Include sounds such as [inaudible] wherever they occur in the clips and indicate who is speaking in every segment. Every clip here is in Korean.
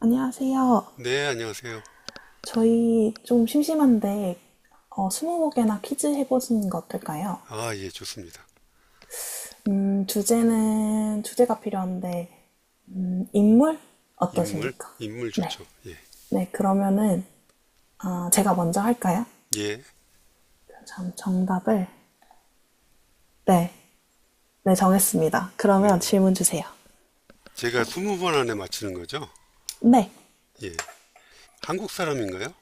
Speaker 1: 안녕하세요.
Speaker 2: 네, 안녕하세요.
Speaker 1: 저희 좀 심심한데 스무 개나 퀴즈 해보시는 거 어떨까요?
Speaker 2: 아, 예, 좋습니다.
Speaker 1: 주제는 주제가 필요한데 인물
Speaker 2: 인물,
Speaker 1: 어떠십니까?
Speaker 2: 인물
Speaker 1: 네,
Speaker 2: 좋죠. 예,
Speaker 1: 네 그러면은 아, 제가 먼저 할까요?
Speaker 2: 예,
Speaker 1: 참 정답을 네, 네 정했습니다. 그러면
Speaker 2: 네.
Speaker 1: 질문 주세요.
Speaker 2: 제가 20번 안에 맞히는 거죠?
Speaker 1: 네,
Speaker 2: 예. 한국 사람인가요?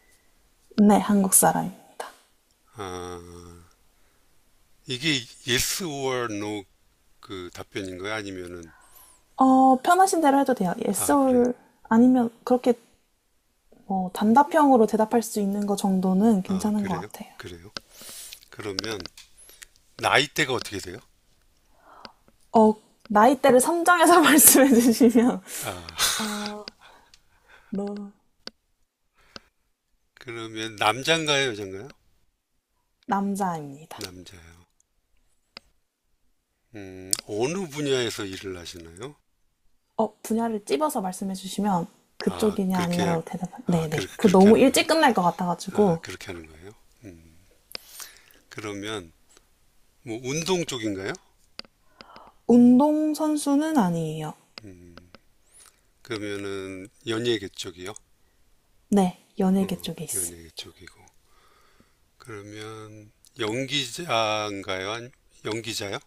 Speaker 1: 네 한국 사람입니다.
Speaker 2: 아, 이게 yes or no 그 답변인가요? 아니면은,
Speaker 1: 편하신 대로 해도 돼요. Yes
Speaker 2: 아, 그래요?
Speaker 1: or 아니면 그렇게 뭐 단답형으로 대답할 수 있는 거 정도는
Speaker 2: 아,
Speaker 1: 괜찮은 것
Speaker 2: 그래요?
Speaker 1: 같아요.
Speaker 2: 그래요? 그러면, 나이대가 어떻게 돼요?
Speaker 1: 어, 나이대를 선정해서 [laughs] 말씀해 주시면,
Speaker 2: 아,
Speaker 1: 어, 너,
Speaker 2: 그러면 남잔가요, 여잔가요?
Speaker 1: 남자입니다.
Speaker 2: 남자요. 어느 분야에서 일을 하시나요?
Speaker 1: 분야를 찝어서 말씀해 주시면,
Speaker 2: 아,
Speaker 1: 그쪽이냐,
Speaker 2: 그렇게,
Speaker 1: 아니냐로 대답할,
Speaker 2: 아,
Speaker 1: 네네. 그
Speaker 2: 그렇게
Speaker 1: 너무
Speaker 2: 하는 거예요?
Speaker 1: 일찍 끝날 것
Speaker 2: 아,
Speaker 1: 같아가지고,
Speaker 2: 그렇게 하는 거예요? 음. 그러면 뭐 운동 쪽인가요?
Speaker 1: 운동선수는 아니에요.
Speaker 2: 음, 그러면은 연예계 쪽이요?
Speaker 1: 네, 연예계 쪽에 있습니다.
Speaker 2: 연예계 쪽이고. 그러면 연기자인가요? 아니, 연기자요?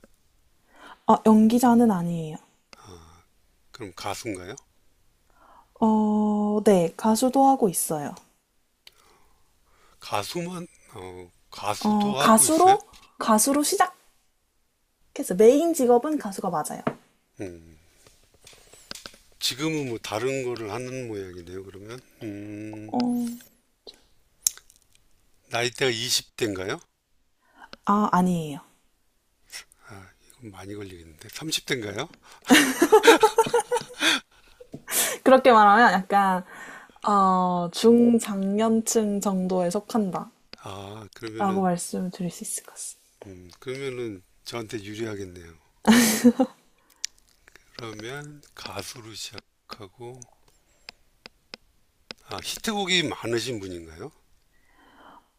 Speaker 1: 연기자는 아니에요.
Speaker 2: 그럼 가수인가요?
Speaker 1: 네, 가수도 하고 있어요.
Speaker 2: 가수만 가수도 하고 있어요?
Speaker 1: 가수로, 가수로 시작했어요. 메인 직업은 가수가 맞아요.
Speaker 2: 음, 지금은 뭐 다른 거를 하는 모양이네요. 그러면
Speaker 1: 어,
Speaker 2: 나이대가 20대인가요?
Speaker 1: 아, 아니에요.
Speaker 2: 아, 이건 많이 걸리겠는데 30대인가요?
Speaker 1: 그렇게 말하면 약간, 중장년층 정도에 속한다.
Speaker 2: 아,
Speaker 1: 라고
Speaker 2: 그러면은
Speaker 1: 말씀을 드릴 수 있을 것 같습니다.
Speaker 2: 저한테 유리하겠네요. 그러면 가수로 시작하고 히트곡이 많으신 분인가요?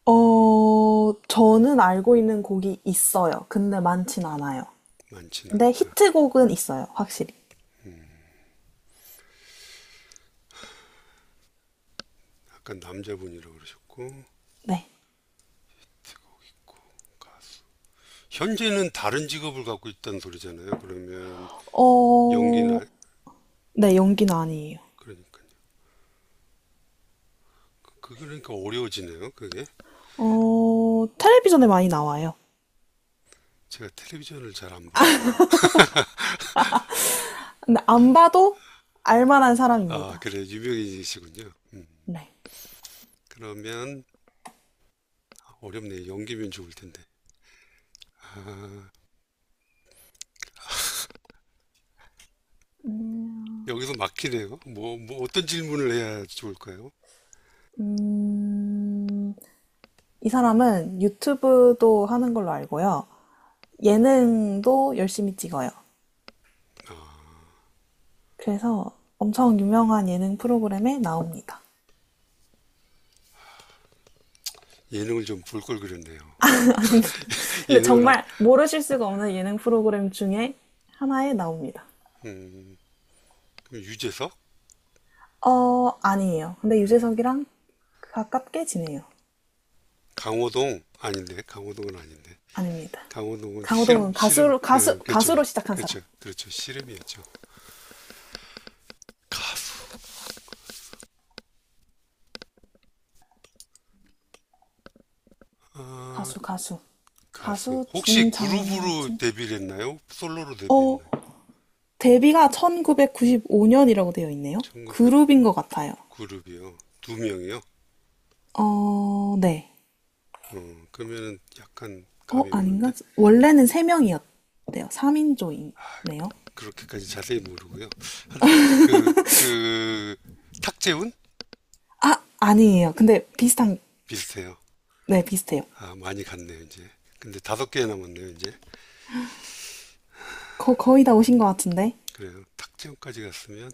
Speaker 1: 저는 알고 있는 곡이 있어요. 근데 많진 않아요.
Speaker 2: 많진
Speaker 1: 근데
Speaker 2: 않다.
Speaker 1: 히트곡은 있어요. 확실히.
Speaker 2: 음, 아까 남자분이라고 그러셨고
Speaker 1: 네.
Speaker 2: 가수. 현재는 다른 직업을 갖고 있다는 소리잖아요. 그러면
Speaker 1: 어,
Speaker 2: 연기나
Speaker 1: 네, 연기는 아니에요.
Speaker 2: 그러니까요. 그러니까 어려워지네요. 그게
Speaker 1: 텔레비전에 많이 나와요.
Speaker 2: 제가 텔레비전을 잘 안 봐가지고
Speaker 1: 근데 안 봐도 알만한
Speaker 2: 아
Speaker 1: 사람입니다.
Speaker 2: 그래 유명인이시군요.
Speaker 1: 네.
Speaker 2: 그러면 어렵네요. 연기면 좋을 텐데 아 여기서 막히네요. 뭐 어떤 질문을 해야 좋을까요?
Speaker 1: 음, 이 사람은 유튜브도 하는 걸로 알고요. 예능도 열심히 찍어요. 그래서 엄청 유명한 예능 프로그램에 나옵니다.
Speaker 2: 예능을 좀 볼 걸 그랬네요.
Speaker 1: [laughs] 근데
Speaker 2: 예능을 하,
Speaker 1: 정말 모르실 수가 없는 예능 프로그램 중에 하나에 나옵니다.
Speaker 2: 음, 그럼 유재석?
Speaker 1: 아니에요. 근데
Speaker 2: 아니,
Speaker 1: 유재석이랑 그 가깝게 지내요.
Speaker 2: 강호동? 아닌데, 강호동은 아닌데.
Speaker 1: 아닙니다.
Speaker 2: 강호동은 씨름,
Speaker 1: 강호동은
Speaker 2: 씨름,
Speaker 1: 가수로, 가수,
Speaker 2: 예, 그렇죠.
Speaker 1: 가수로 시작한 사람.
Speaker 2: 그렇죠. 그렇죠. 씨름이었죠. 가수. 아,
Speaker 1: 가수, 가수.
Speaker 2: 가수.
Speaker 1: 가수
Speaker 2: 혹시 그룹으로
Speaker 1: 중장년층?
Speaker 2: 데뷔를 했나요? 솔로로
Speaker 1: 어,
Speaker 2: 데뷔했나요?
Speaker 1: 데뷔가 1995년이라고 되어 있네요.
Speaker 2: 1900
Speaker 1: 그룹인 것 같아요.
Speaker 2: 그룹이요. 2명이요?
Speaker 1: 어, 네.
Speaker 2: 그러면은 약간 감이 오는데?
Speaker 1: 아닌가? 원래는 3명이었대요. 3인조이네요.
Speaker 2: 그렇게까지 자세히 모르고요. 하여튼, 그, 그, 탁재훈?
Speaker 1: 아, 아니에요. 근데 비슷한,
Speaker 2: 비슷해요.
Speaker 1: 네, 비슷해요.
Speaker 2: 아, 많이 갔네요, 이제. 근데 5개 남았네요, 이제.
Speaker 1: 거의 다 오신 것 같은데.
Speaker 2: 그래서 탁재훈까지 갔으면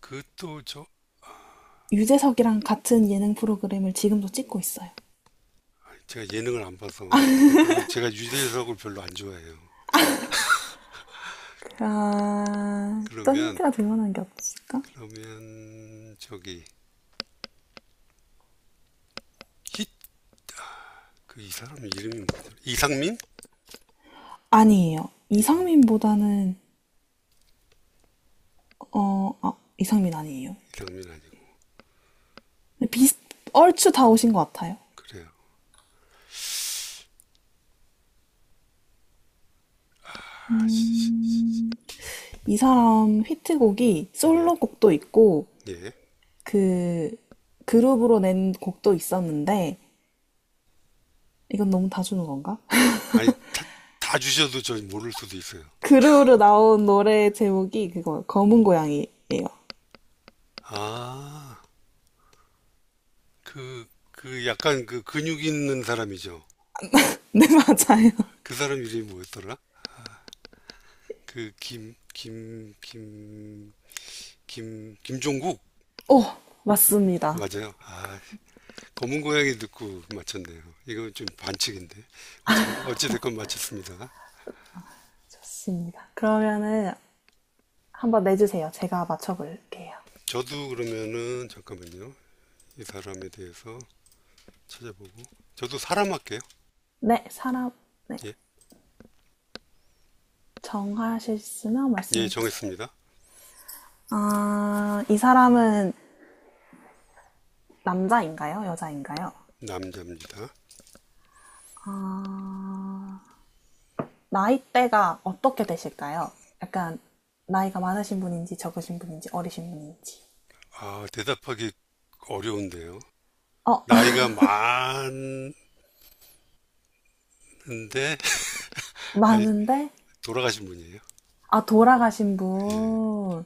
Speaker 2: 그것도 저
Speaker 1: 유재석이랑 같은 예능 프로그램을 지금도 찍고 있어요.
Speaker 2: 제가 예능을 안 봐서 뭐 그리고 제가 유재석을 별로 안 좋아해요.
Speaker 1: 아, 또
Speaker 2: 그러면
Speaker 1: 힌트가 될 만한 게 없을까?
Speaker 2: 저기 힛 그 이 사람 이름이 뭐더라? 이상민?
Speaker 1: 아니에요.
Speaker 2: 이상
Speaker 1: 이상민보다는, 어, 아, 이상민 아니에요.
Speaker 2: 이상민 아니고
Speaker 1: 근데 비슷, 얼추 다 오신 것 같아요.
Speaker 2: 그래요. 아, 씨.
Speaker 1: 음, 이 사람 히트곡이
Speaker 2: 네,
Speaker 1: 솔로곡도 있고,
Speaker 2: 예.
Speaker 1: 그 그룹으로 낸 곡도 있었는데 이건 너무 다 주는 건가?
Speaker 2: 아니 다 주셔도 저 모를 수도 있어요.
Speaker 1: [laughs] 그룹으로 나온 노래 제목이 그거 검은 고양이예요.
Speaker 2: 아, 그 약간 그 근육 있는 사람이죠.
Speaker 1: [laughs] 네, 맞아요.
Speaker 2: 그 사람 이름이 뭐였더라? 그 김종국?
Speaker 1: [laughs] 오, 맞습니다.
Speaker 2: 맞아요. 아, 검은 고양이 듣고 맞췄네요. 이건 좀 반칙인데. 어찌됐건 맞췄습니다.
Speaker 1: 좋습니다. 그러면은 한번 내주세요. 제가 맞춰볼게요.
Speaker 2: 저도 그러면은, 잠깐만요. 이 사람에 대해서 찾아보고. 저도 사람 할게요.
Speaker 1: 네, 사람, 네.
Speaker 2: 예.
Speaker 1: 정하셨으면
Speaker 2: 예,
Speaker 1: 말씀해주세요.
Speaker 2: 정했습니다.
Speaker 1: 아, 이 사람은 남자인가요? 여자인가요?
Speaker 2: 남자입니다.
Speaker 1: 아, 나이대가 어떻게 되실까요? 약간 나이가 많으신 분인지 적으신 분인지 어리신 분인지.
Speaker 2: 아, 대답하기 어려운데요.
Speaker 1: 어,
Speaker 2: 나이가 많은데,
Speaker 1: [laughs]
Speaker 2: [laughs] 아,
Speaker 1: 많은데?
Speaker 2: 돌아가신 분이에요?
Speaker 1: 아, 돌아가신
Speaker 2: 예.
Speaker 1: 분.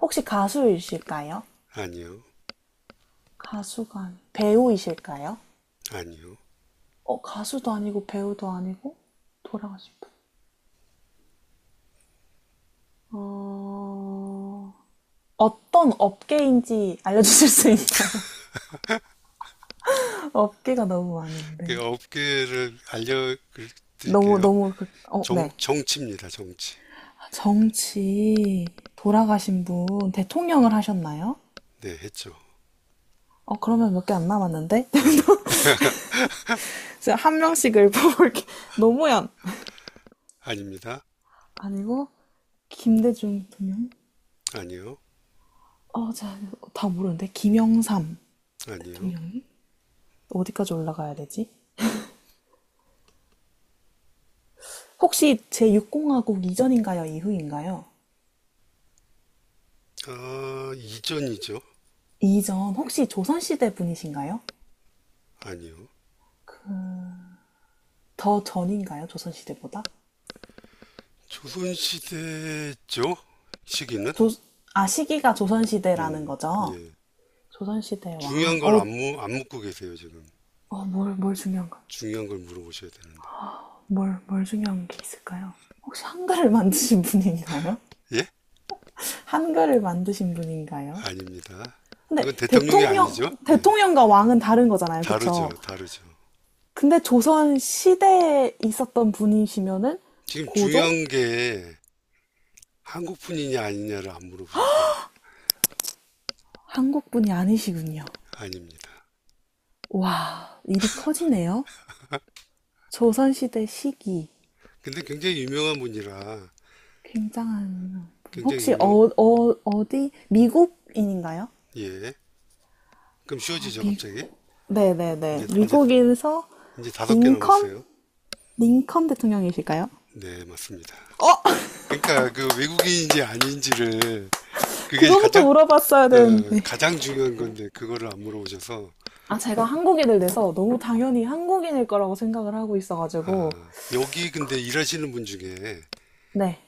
Speaker 1: 혹시 가수이실까요?
Speaker 2: 아니요.
Speaker 1: 가수가 아니, 배우이실까요?
Speaker 2: 아니요.
Speaker 1: 가수도 아니고 배우도 아니고 돌아가신 분. 어, 어떤 업계인지 알려주실 수 있나요? [laughs] 업계가 너무
Speaker 2: 그
Speaker 1: 많은데.
Speaker 2: 업계를 알려드릴게요.
Speaker 1: 네.
Speaker 2: 정치입니다, 정치.
Speaker 1: 정치 돌아가신 분 대통령을 하셨나요?
Speaker 2: 네, 했죠.
Speaker 1: 그러면 몇 개 안 남았는데?
Speaker 2: 네.
Speaker 1: [laughs] 제가 한 명씩 을뽑볼게 [laughs] 노무현.
Speaker 2: 아닙니다.
Speaker 1: 아니고, 김대중 대통령?
Speaker 2: 아니요.
Speaker 1: 어, 자, 다 모르는데. 김영삼
Speaker 2: 아니요.
Speaker 1: 대통령님? 어디까지 올라가야 되지? 혹시 제6공화국 이전인가요? 이후인가요?
Speaker 2: 아, 이전이죠.
Speaker 1: 이전, 혹시 조선시대 분이신가요?
Speaker 2: 아니요.
Speaker 1: 더 전인가요? 조선시대보다?
Speaker 2: 조선시대죠. 시기는.
Speaker 1: 조, 아, 시기가 조선시대라는
Speaker 2: 음,
Speaker 1: 거죠?
Speaker 2: 예.
Speaker 1: 조선시대 왕.
Speaker 2: 중요한 걸
Speaker 1: 어,
Speaker 2: 안 묻고 계세요, 지금.
Speaker 1: 뭘 중요한 가
Speaker 2: 중요한 걸 물어보셔야 되는데.
Speaker 1: 뭘 중요한 게 있을까요? 혹시 한글을 만드신 분인가요?
Speaker 2: 예?
Speaker 1: 한글을 만드신 분인가요?
Speaker 2: 아닙니다.
Speaker 1: 근데
Speaker 2: 그건 대통령이
Speaker 1: 대통령,
Speaker 2: 아니죠. 예.
Speaker 1: 대통령과 왕은 다른 거잖아요.
Speaker 2: 다르죠.
Speaker 1: 그쵸?
Speaker 2: 다르죠.
Speaker 1: 근데 조선 시대에 있었던 분이시면은
Speaker 2: 지금
Speaker 1: 고종?
Speaker 2: 중요한 게 한국분이냐 아니냐를 안 물어보셨어요.
Speaker 1: 한국 분이 아니시군요.
Speaker 2: 아닙니다.
Speaker 1: 와, 일이 커지네요. 조선 시대 시기.
Speaker 2: 근데 굉장히 유명한 분이라
Speaker 1: 굉장한 분.
Speaker 2: 굉장히
Speaker 1: 혹시
Speaker 2: 유명,
Speaker 1: 어디? 미국인인가요?
Speaker 2: 예. 그럼
Speaker 1: 아,
Speaker 2: 쉬워지죠, 갑자기?
Speaker 1: 미국. 네네네.
Speaker 2: 이제
Speaker 1: 미국에서
Speaker 2: 이제 5개
Speaker 1: 링컨?
Speaker 2: 넘었어요.
Speaker 1: 링컨 대통령이실까요?
Speaker 2: 네, 맞습니다.
Speaker 1: 어!
Speaker 2: 그러니까 그 외국인인지 아닌지를 그게
Speaker 1: 그거부터
Speaker 2: 가장
Speaker 1: 물어봤어야 되는데.
Speaker 2: 가장 중요한 건데 그거를 안 물어보셔서
Speaker 1: 아, 제가 한국인을 내서 너무 당연히 한국인일 거라고 생각을 하고 있어가지고.
Speaker 2: 아, 여기 근데 일하시는 분 중에
Speaker 1: 네.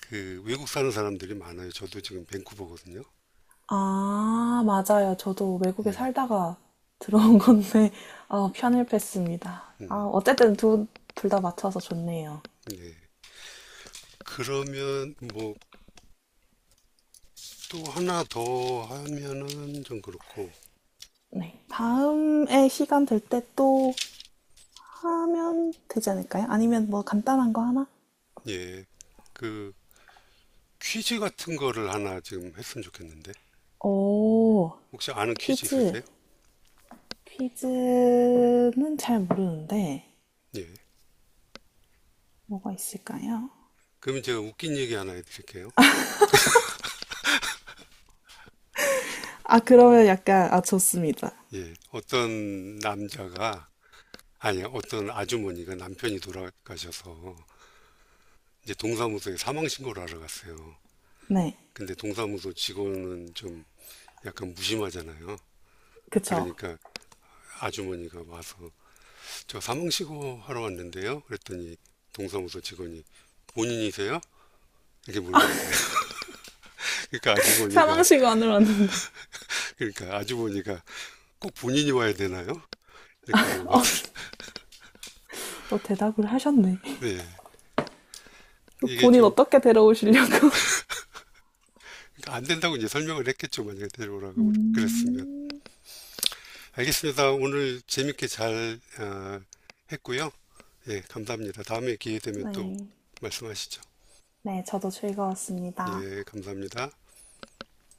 Speaker 2: 그 외국 사는 사람들이 많아요. 저도 지금 밴쿠버거든요.
Speaker 1: 아, 맞아요. 저도 외국에
Speaker 2: 예.
Speaker 1: 살다가 [laughs] 들어온 건데, 아, 편을했습니다 아,
Speaker 2: 음,
Speaker 1: 어쨌든 둘 다 맞춰서 좋네요.
Speaker 2: 네. 그러면 뭐 또 하나 더 하면은 좀 그렇고
Speaker 1: 네. 다음에 시간 될 때 또 하면 되지 않을까요? 아니면 뭐 간단한 거 하나?
Speaker 2: 예. 그 퀴즈 같은 거를 하나 지금 했으면 좋겠는데
Speaker 1: 오,
Speaker 2: 혹시 아는 퀴즈
Speaker 1: 퀴즈.
Speaker 2: 있으세요?
Speaker 1: 퀴즈는 잘 모르는데,
Speaker 2: 예.
Speaker 1: 뭐가 있을까요?
Speaker 2: 그러면 제가 웃긴 얘기 하나 해드릴게요.
Speaker 1: 아, 그러면 약간, 아, 좋습니다.
Speaker 2: 예, 어떤 남자가 아니 어떤 아주머니가 남편이 돌아가셔서 이제 동사무소에 사망 신고를 하러 갔어요.
Speaker 1: 네.
Speaker 2: 근데 동사무소 직원은 좀 약간 무심하잖아요.
Speaker 1: 그쵸.
Speaker 2: 그러니까 아주머니가 와서 저 사망 신고 하러 왔는데요. 그랬더니 동사무소 직원이 본인이세요? 이렇게 물어보는 거예요. [laughs] 그러니까 아주머니가
Speaker 1: 사망시가 안 올랐는데.
Speaker 2: 그러니까 아주머니가 꼭 본인이 와야 되나요? 이렇게 물어봤더니 [laughs]
Speaker 1: 대답을 하셨네.
Speaker 2: 네.
Speaker 1: [laughs]
Speaker 2: 이게
Speaker 1: 본인
Speaker 2: 좀
Speaker 1: 어떻게 데려오시려고?
Speaker 2: 안 된다고 이제 설명을 했겠죠. 만약에
Speaker 1: [laughs]
Speaker 2: 데려오라고 그랬으면.
Speaker 1: 음,
Speaker 2: 알겠습니다. 오늘 재밌게 잘 했고요. 예, 감사합니다. 다음에 기회 되면 또
Speaker 1: 네.
Speaker 2: 말씀하시죠.
Speaker 1: 네, 저도 즐거웠습니다.
Speaker 2: 예, 감사합니다.